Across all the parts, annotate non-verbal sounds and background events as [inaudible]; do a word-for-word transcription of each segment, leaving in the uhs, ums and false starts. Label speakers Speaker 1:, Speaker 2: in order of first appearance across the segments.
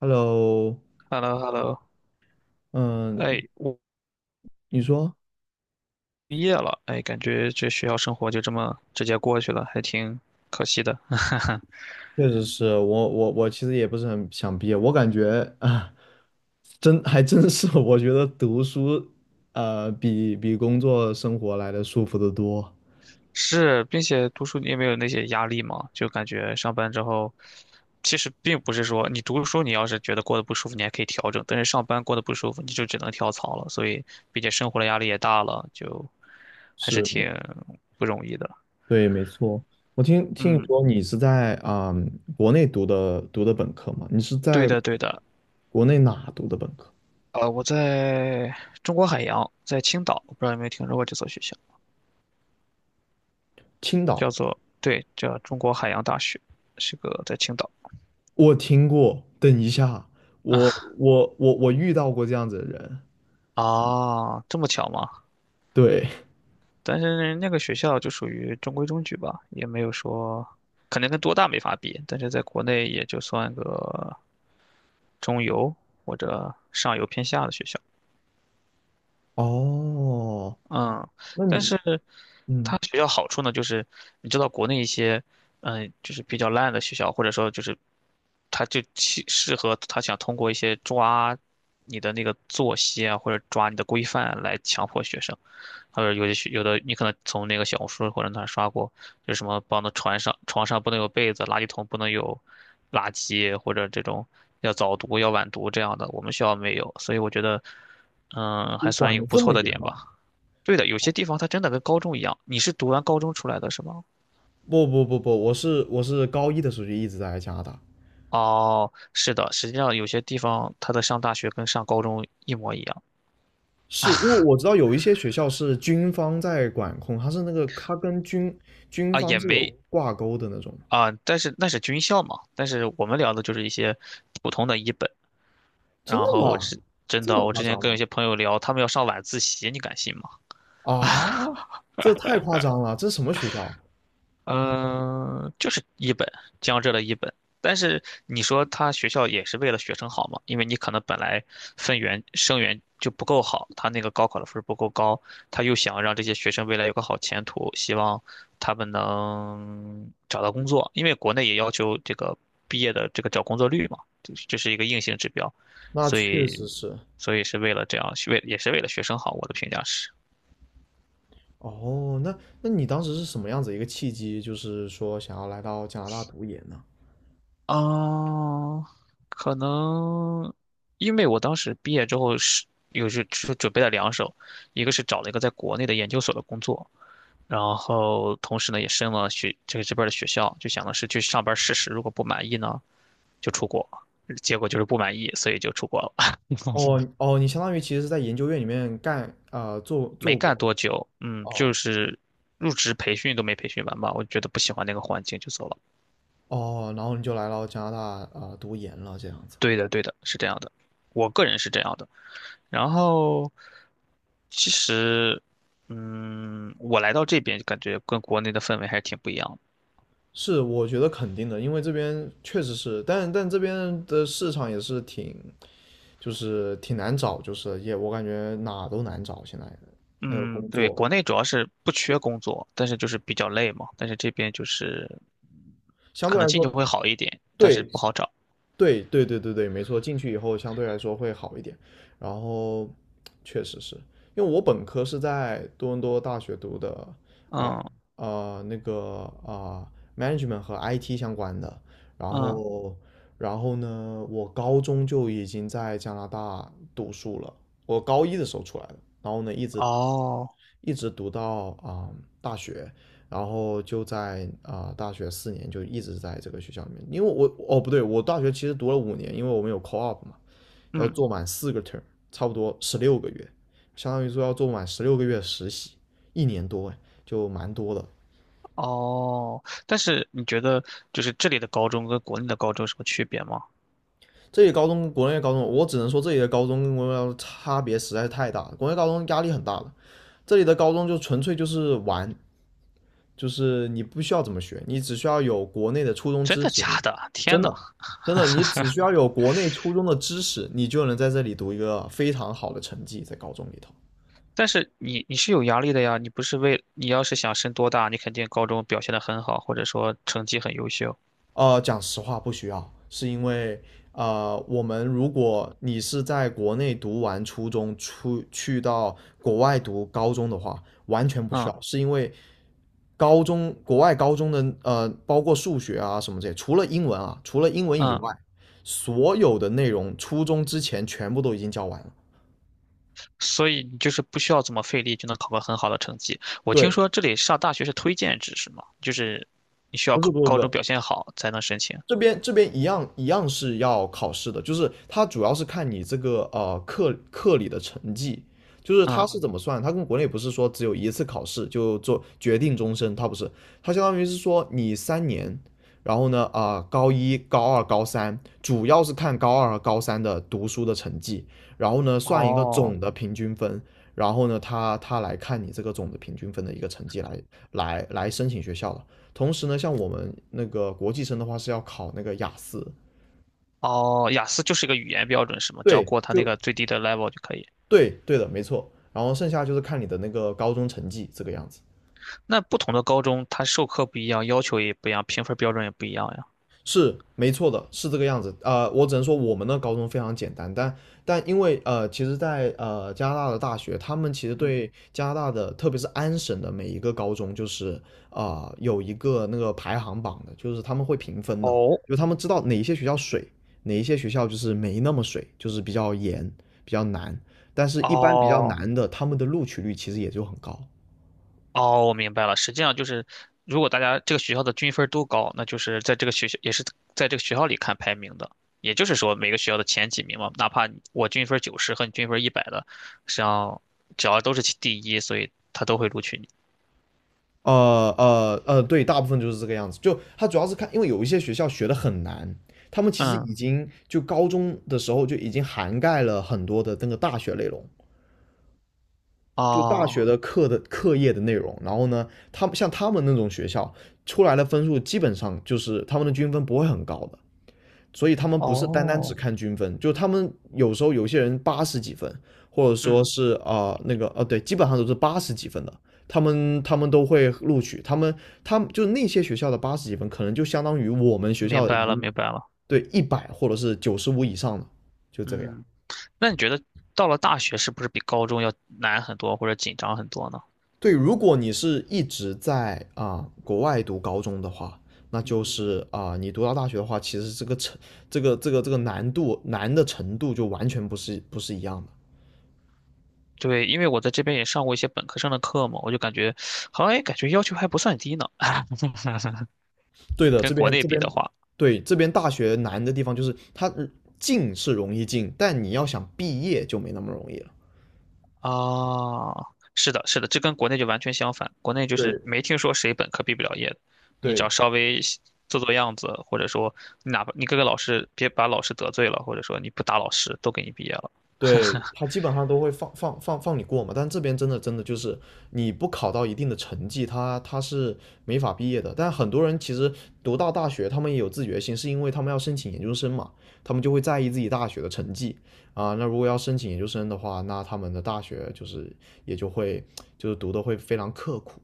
Speaker 1: Hello。
Speaker 2: h e l l o h e l l o
Speaker 1: 嗯。
Speaker 2: 哎，我
Speaker 1: 你说。
Speaker 2: 毕业了，哎，感觉这学校生活就这么直接过去了，还挺可惜的。[laughs]
Speaker 1: 确实是我我我其实也不是很想毕业，我感觉啊，真还真是，[laughs] 我觉得读书呃比比工作生活来的舒服得多。
Speaker 2: 是，并且读书你也没有那些压力嘛，就感觉上班之后，其实并不是说你读书，你要是觉得过得不舒服，你还可以调整，但是上班过得不舒服，你就只能跳槽了。所以，并且生活的压力也大了，就还是
Speaker 1: 是，
Speaker 2: 挺不容易的。
Speaker 1: 对，没错。我听听你
Speaker 2: 嗯，
Speaker 1: 说你是在啊、国内读的读的本科吗？你是
Speaker 2: 对
Speaker 1: 在
Speaker 2: 的，对的。
Speaker 1: 国内哪读的本科？
Speaker 2: 呃，我在中国海洋，在青岛，不知道有没有听说过这所学校。
Speaker 1: 青岛，
Speaker 2: 叫做对，叫中国海洋大学，是个在青岛
Speaker 1: 我听过。等一下，我我我我遇到过这样子的人，
Speaker 2: 啊，这么巧吗？
Speaker 1: 对。
Speaker 2: 但是那个学校就属于中规中矩吧，也没有说，肯定跟多大没法比，但是在国内也就算个中游或者上游偏下的学校。
Speaker 1: 哦，
Speaker 2: 嗯，
Speaker 1: 那
Speaker 2: 但
Speaker 1: 你
Speaker 2: 是
Speaker 1: 嗯，
Speaker 2: 它学校好处呢，就是你知道国内一些，嗯，就是比较烂的学校，或者说就是他就其适合他想通过一些抓你的那个作息啊，或者抓你的规范来强迫学生。还有有的学有的你可能从那个小红书或者哪儿刷过，就是什么帮的床上床上不能有被子，垃圾桶不能有垃圾，或者这种要早读要晚读这样的，我们学校没有，所以我觉得，嗯，
Speaker 1: 就
Speaker 2: 还算
Speaker 1: 管
Speaker 2: 一
Speaker 1: 得
Speaker 2: 个不
Speaker 1: 这
Speaker 2: 错
Speaker 1: 么
Speaker 2: 的
Speaker 1: 严
Speaker 2: 点吧。
Speaker 1: 吗？
Speaker 2: 对的，有些地方它真的跟高中一样。你是读完高中出来的是吗？
Speaker 1: 不不不不，我是我是高一的时候就一直在加拿大，
Speaker 2: 哦，是的，实际上有些地方它的上大学跟上高中一模一样
Speaker 1: 是因为我知道有一些学校是军方在管控，它是那个它跟军军
Speaker 2: 啊，
Speaker 1: 方
Speaker 2: 也
Speaker 1: 是有
Speaker 2: 没
Speaker 1: 挂钩的那种。
Speaker 2: 啊，但是那是军校嘛。但是我们聊的就是一些普通的一本。
Speaker 1: 真
Speaker 2: 然
Speaker 1: 的
Speaker 2: 后我
Speaker 1: 吗？
Speaker 2: 之真
Speaker 1: 这么
Speaker 2: 的，我
Speaker 1: 夸
Speaker 2: 之前
Speaker 1: 张
Speaker 2: 跟有
Speaker 1: 吗？
Speaker 2: 些朋友聊，他们要上晚自习，你敢信吗？
Speaker 1: 啊，这太夸张了，这什么学校啊？
Speaker 2: 嗯、呃就是一本江浙的一本，但是你说他学校也是为了学生好嘛？因为你可能本来分源生源就不够好，他那个高考的分儿不够高，他又想让这些学生未来有个好前途，希望他们能找到工作，因为国内也要求这个毕业的这个找工作率嘛，这是这是一个硬性指标，
Speaker 1: 那
Speaker 2: 所
Speaker 1: 确
Speaker 2: 以
Speaker 1: 实是。
Speaker 2: 所以是为了这样，为也是为了学生好，我的评价是。
Speaker 1: 哦，那那你当时是什么样子一个契机，就是说想要来到加拿大读研呢？
Speaker 2: 嗯，可能因为我当时毕业之后是又是是准备了两手，一个是找了一个在国内的研究所的工作，然后同时呢也申了学这个这边儿的学校，就想的是去上班试试，如果不满意呢就出国，结果就是不满意，所以就出国了。
Speaker 1: 哦
Speaker 2: [laughs]
Speaker 1: 哦，你相当于其实是在研究院里面干呃做
Speaker 2: 没
Speaker 1: 做
Speaker 2: 干
Speaker 1: 过
Speaker 2: 多久，嗯，就
Speaker 1: 哦
Speaker 2: 是入职培训都没培训完吧，我觉得不喜欢那个环境就走了。
Speaker 1: 哦，然后你就来到加拿大啊、呃读研了，这样子。
Speaker 2: 对的，对的，是这样的，我个人是这样的。然后其实，嗯，我来到这边感觉跟国内的氛围还是挺不一样的。
Speaker 1: 是，我觉得肯定的，因为这边确实是，但但这边的市场也是挺，就是挺难找，就是也我感觉哪都难找，现在那个
Speaker 2: 嗯，
Speaker 1: 工
Speaker 2: 对，
Speaker 1: 作
Speaker 2: 国内主要是不缺工作，但是就是比较累嘛。但是这边就是
Speaker 1: 相对
Speaker 2: 可能
Speaker 1: 来
Speaker 2: 进
Speaker 1: 说，
Speaker 2: 去会好一点，但是
Speaker 1: 对，
Speaker 2: 不好找。
Speaker 1: 对对对对对，没错，进去以后相对来说会好一点。然后确实是因为我本科是在多伦多大学读的，啊、
Speaker 2: 嗯
Speaker 1: 呃那个啊、management 和 I T 相关的。然
Speaker 2: 嗯，
Speaker 1: 后然后呢，我高中就已经在加拿大读书了，我高一的时候出来的，然后呢一直
Speaker 2: 哦，
Speaker 1: 一直读到啊、大学，然后就在啊、呃大学四年就一直在这个学校里面，因为我哦不对，我大学其实读了五年，因为我们有 co-op 嘛，要
Speaker 2: 嗯
Speaker 1: 做满四个 term，差不多十六个月，相当于说要做满十六个月实习，一年多哎，就蛮多的。
Speaker 2: 哦，但是你觉得就是这里的高中跟国内的高中有什么区别吗？
Speaker 1: 这里高中跟国内高中，我只能说这里的高中跟国内高中差别实在是太大了。国内高中压力很大了，这里的高中就纯粹就是玩，就是你不需要怎么学，你只需要有国内的初中
Speaker 2: 真
Speaker 1: 知
Speaker 2: 的
Speaker 1: 识，
Speaker 2: 假的？天
Speaker 1: 真
Speaker 2: 呐！
Speaker 1: 的，真的，你只需要有国内初中的知识，你就能在这里读一个非常好的成绩在高中里头。
Speaker 2: 但是你你是有压力的呀，你不是为你要是想升多大，你肯定高中表现得很好，或者说成绩很优秀，
Speaker 1: 呃，讲实话不需要，是因为呃，我们如果你是在国内读完初中，出去到国外读高中的话，完全不需
Speaker 2: 嗯
Speaker 1: 要，是因为高中国外高中的呃，包括数学啊什么这些，除了英文啊，除了英文以
Speaker 2: 嗯，
Speaker 1: 外，所有的内容初中之前全部都已经教完了。
Speaker 2: 所以你就是不需要怎么费力就能考个很好的成绩。我听
Speaker 1: 对，
Speaker 2: 说这里上大学是推荐制是吗？就是你需要
Speaker 1: 不是
Speaker 2: 高
Speaker 1: 不是
Speaker 2: 高
Speaker 1: 不
Speaker 2: 中
Speaker 1: 是，
Speaker 2: 表现好才能申请。
Speaker 1: 这边这边一样一样是要考试的，就是它主要是看你这个呃课课里的成绩，就是它
Speaker 2: 嗯，
Speaker 1: 是怎么算，它跟国内不是说只有一次考试就做决定终身，它不是，它相当于是说你三年，然后呢啊、呃高一、高二、高三，主要是看高二和高三的读书的成绩，然后呢算一个
Speaker 2: 哦
Speaker 1: 总的平均分，然后呢它它来看你这个总的平均分的一个成绩来来来申请学校的。同时呢，像我们那个国际生的话是要考那个雅思，
Speaker 2: 哦，雅思就是一个语言标准是吗？只要
Speaker 1: 对，
Speaker 2: 过它那
Speaker 1: 就
Speaker 2: 个最低的 level 就可以。
Speaker 1: 对对的，没错。然后剩下就是看你的那个高中成绩这个样子。
Speaker 2: 那不同的高中它授课不一样，要求也不一样，评分标准也不一样呀。
Speaker 1: 是没错的，是这个样子。呃，我只能说我们的高中非常简单，但但因为呃，其实在，在呃加拿大的大学，他们其实
Speaker 2: 嗯，
Speaker 1: 对加拿大的，特别是安省的每一个高中，就是啊、呃有一个那个排行榜的，就是他们会评分的，
Speaker 2: 哦
Speaker 1: 就他们知道哪一些学校水，哪一些学校就是没那么水，就是比较严，比较难。但是，一般比较
Speaker 2: 哦。
Speaker 1: 难的，他们的录取率其实也就很高。
Speaker 2: 哦，我明白了。实际上就是，如果大家这个学校的均分儿都高，那就是在这个学校也是在这个学校里看排名的。也就是说，每个学校的前几名嘛，哪怕你我均分九十和你均分一百的，实际上只要都是其第一，所以他都会录取你。
Speaker 1: 呃呃呃，对，大部分就是这个样子。就他主要是看，因为有一些学校学的很难，他们其实
Speaker 2: 嗯，
Speaker 1: 已经就高中的时候就已经涵盖了很多的那个大学内容，就大
Speaker 2: 哦，
Speaker 1: 学的课的课业的内容。然后呢，他们像他们那种学校出来的分数，基本上就是他们的均分不会很高的。所以他们不是单单只
Speaker 2: 哦，
Speaker 1: 看均分，就他们有时候有些人八十几分，或者说
Speaker 2: 嗯，
Speaker 1: 是啊、呃那个哦、对，基本上都是八十几分的，他们他们都会录取，他们他们就那些学校的八十几分，可能就相当于我们学
Speaker 2: 明
Speaker 1: 校已
Speaker 2: 白了，
Speaker 1: 经
Speaker 2: 明白了。
Speaker 1: 对一百或者是九十五以上的，就这个样。
Speaker 2: 嗯，那你觉得到了大学是不是比高中要难很多或者紧张很多呢？
Speaker 1: 对，如果你是一直在啊、呃国外读高中的话，那就
Speaker 2: 嗯。
Speaker 1: 是啊、呃你读到大学的话，其实这个程这个这个这个难度难的程度就完全不是不是一样的。
Speaker 2: 对，因为我在这边也上过一些本科生的课嘛，我就感觉好像也感觉要求还不算低呢。
Speaker 1: 对的，
Speaker 2: 跟
Speaker 1: 这
Speaker 2: 国
Speaker 1: 边
Speaker 2: 内
Speaker 1: 这
Speaker 2: 比
Speaker 1: 边
Speaker 2: 的话，
Speaker 1: 对这边大学难的地方就是它呃进是容易进，但你要想毕业就没那么容易了。
Speaker 2: 啊，是的，是的，这跟国内就完全相反。国内就是
Speaker 1: 对
Speaker 2: 没听说谁本科毕不了业的，你只要
Speaker 1: 对
Speaker 2: 稍微做做样子，或者说你哪怕你各个老师别把老师得罪了，或者说你不打老师，都给你毕业了。
Speaker 1: 对，他基本上都会放放放放你过嘛，但这边真的真的就是你不考到一定的成绩，他他是没法毕业的。但很多人其实读到大学，他们也有自觉性，是因为他们要申请研究生嘛，他们就会在意自己大学的成绩啊。那如果要申请研究生的话，那他们的大学就是也就会就是读的会非常刻苦。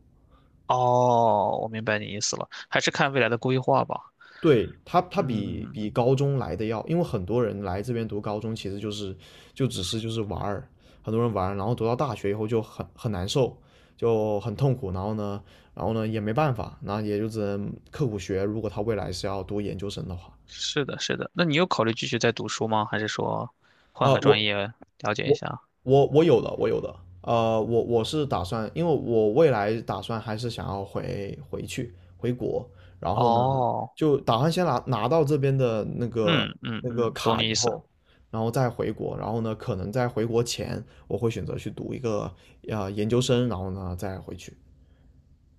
Speaker 2: 哦，我明白你意思了，还是看未来的规划吧。
Speaker 1: 对，他，他比
Speaker 2: 嗯，
Speaker 1: 比高中来的要，因为很多人来这边读高中，其实就是就只是就是玩儿，很多人玩儿，然后读到大学以后就很很难受，就很痛苦，然后呢，然后呢也没办法，然后也就只能刻苦学，如果他未来是要读研究生的话，
Speaker 2: 是的，是的。那你有考虑继续再读书吗？还是说换
Speaker 1: 啊、
Speaker 2: 个专
Speaker 1: 我
Speaker 2: 业了解一
Speaker 1: 我
Speaker 2: 下？
Speaker 1: 我我有的，我有的。呃，我我是打算，因为我未来打算还是想要回回去回国，然后呢，
Speaker 2: 哦，
Speaker 1: 就打算先拿拿到这边的那
Speaker 2: 嗯
Speaker 1: 个
Speaker 2: 嗯
Speaker 1: 那个
Speaker 2: 嗯，懂
Speaker 1: 卡
Speaker 2: 你
Speaker 1: 以
Speaker 2: 意思。
Speaker 1: 后，然后再回国，然后呢，可能在回国前我会选择去读一个呃研究生，然后呢再回去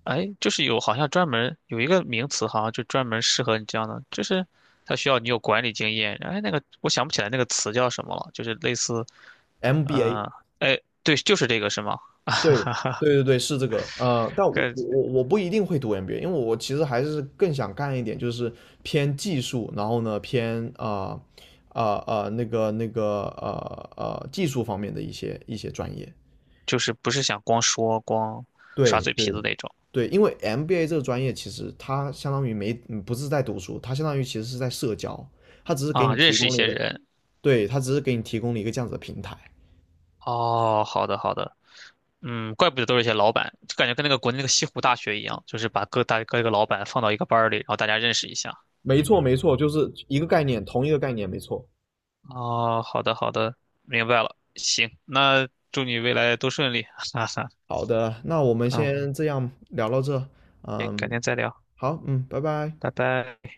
Speaker 2: 哎，就是有好像专门有一个名词，好像就专门适合你这样的，就是它需要你有管理经验。哎，那个我想不起来那个词叫什么了，就是类似，
Speaker 1: M B A。
Speaker 2: 呃，哎，对，就是这个是吗？
Speaker 1: 对对对对，是这个，呃，但我
Speaker 2: 呃，
Speaker 1: 我我不一定会读 M B A，因为我其实还是更想干一点，就是偏技术，然后呢偏啊啊啊那个那个呃呃技术方面的一些一些专业。
Speaker 2: 就是不是想光说光耍
Speaker 1: 对
Speaker 2: 嘴
Speaker 1: 对
Speaker 2: 皮子那种
Speaker 1: 对，因为 M B A 这个专业其实它相当于没嗯不是在读书，它相当于其实是在社交，它只是给
Speaker 2: 啊，
Speaker 1: 你
Speaker 2: 认
Speaker 1: 提
Speaker 2: 识一
Speaker 1: 供了一
Speaker 2: 些
Speaker 1: 个，
Speaker 2: 人。
Speaker 1: 对，它只是给你提供了一个这样子的平台。
Speaker 2: 哦，好的好的，嗯，怪不得都是一些老板，就感觉跟那个国内那个西湖大学一样，就是把各大各个老板放到一个班儿里，然后大家认识一下。
Speaker 1: 没错没错，就是一个概念，同一个概念，没错。
Speaker 2: 哦，好的好的，明白了。行，那祝你未来都顺利，[laughs] 哈哈。
Speaker 1: 好的，那我们
Speaker 2: 嗯，
Speaker 1: 先这样聊到这，
Speaker 2: 行，改
Speaker 1: 嗯，
Speaker 2: 天再聊，
Speaker 1: 好，嗯，拜拜。
Speaker 2: 拜拜。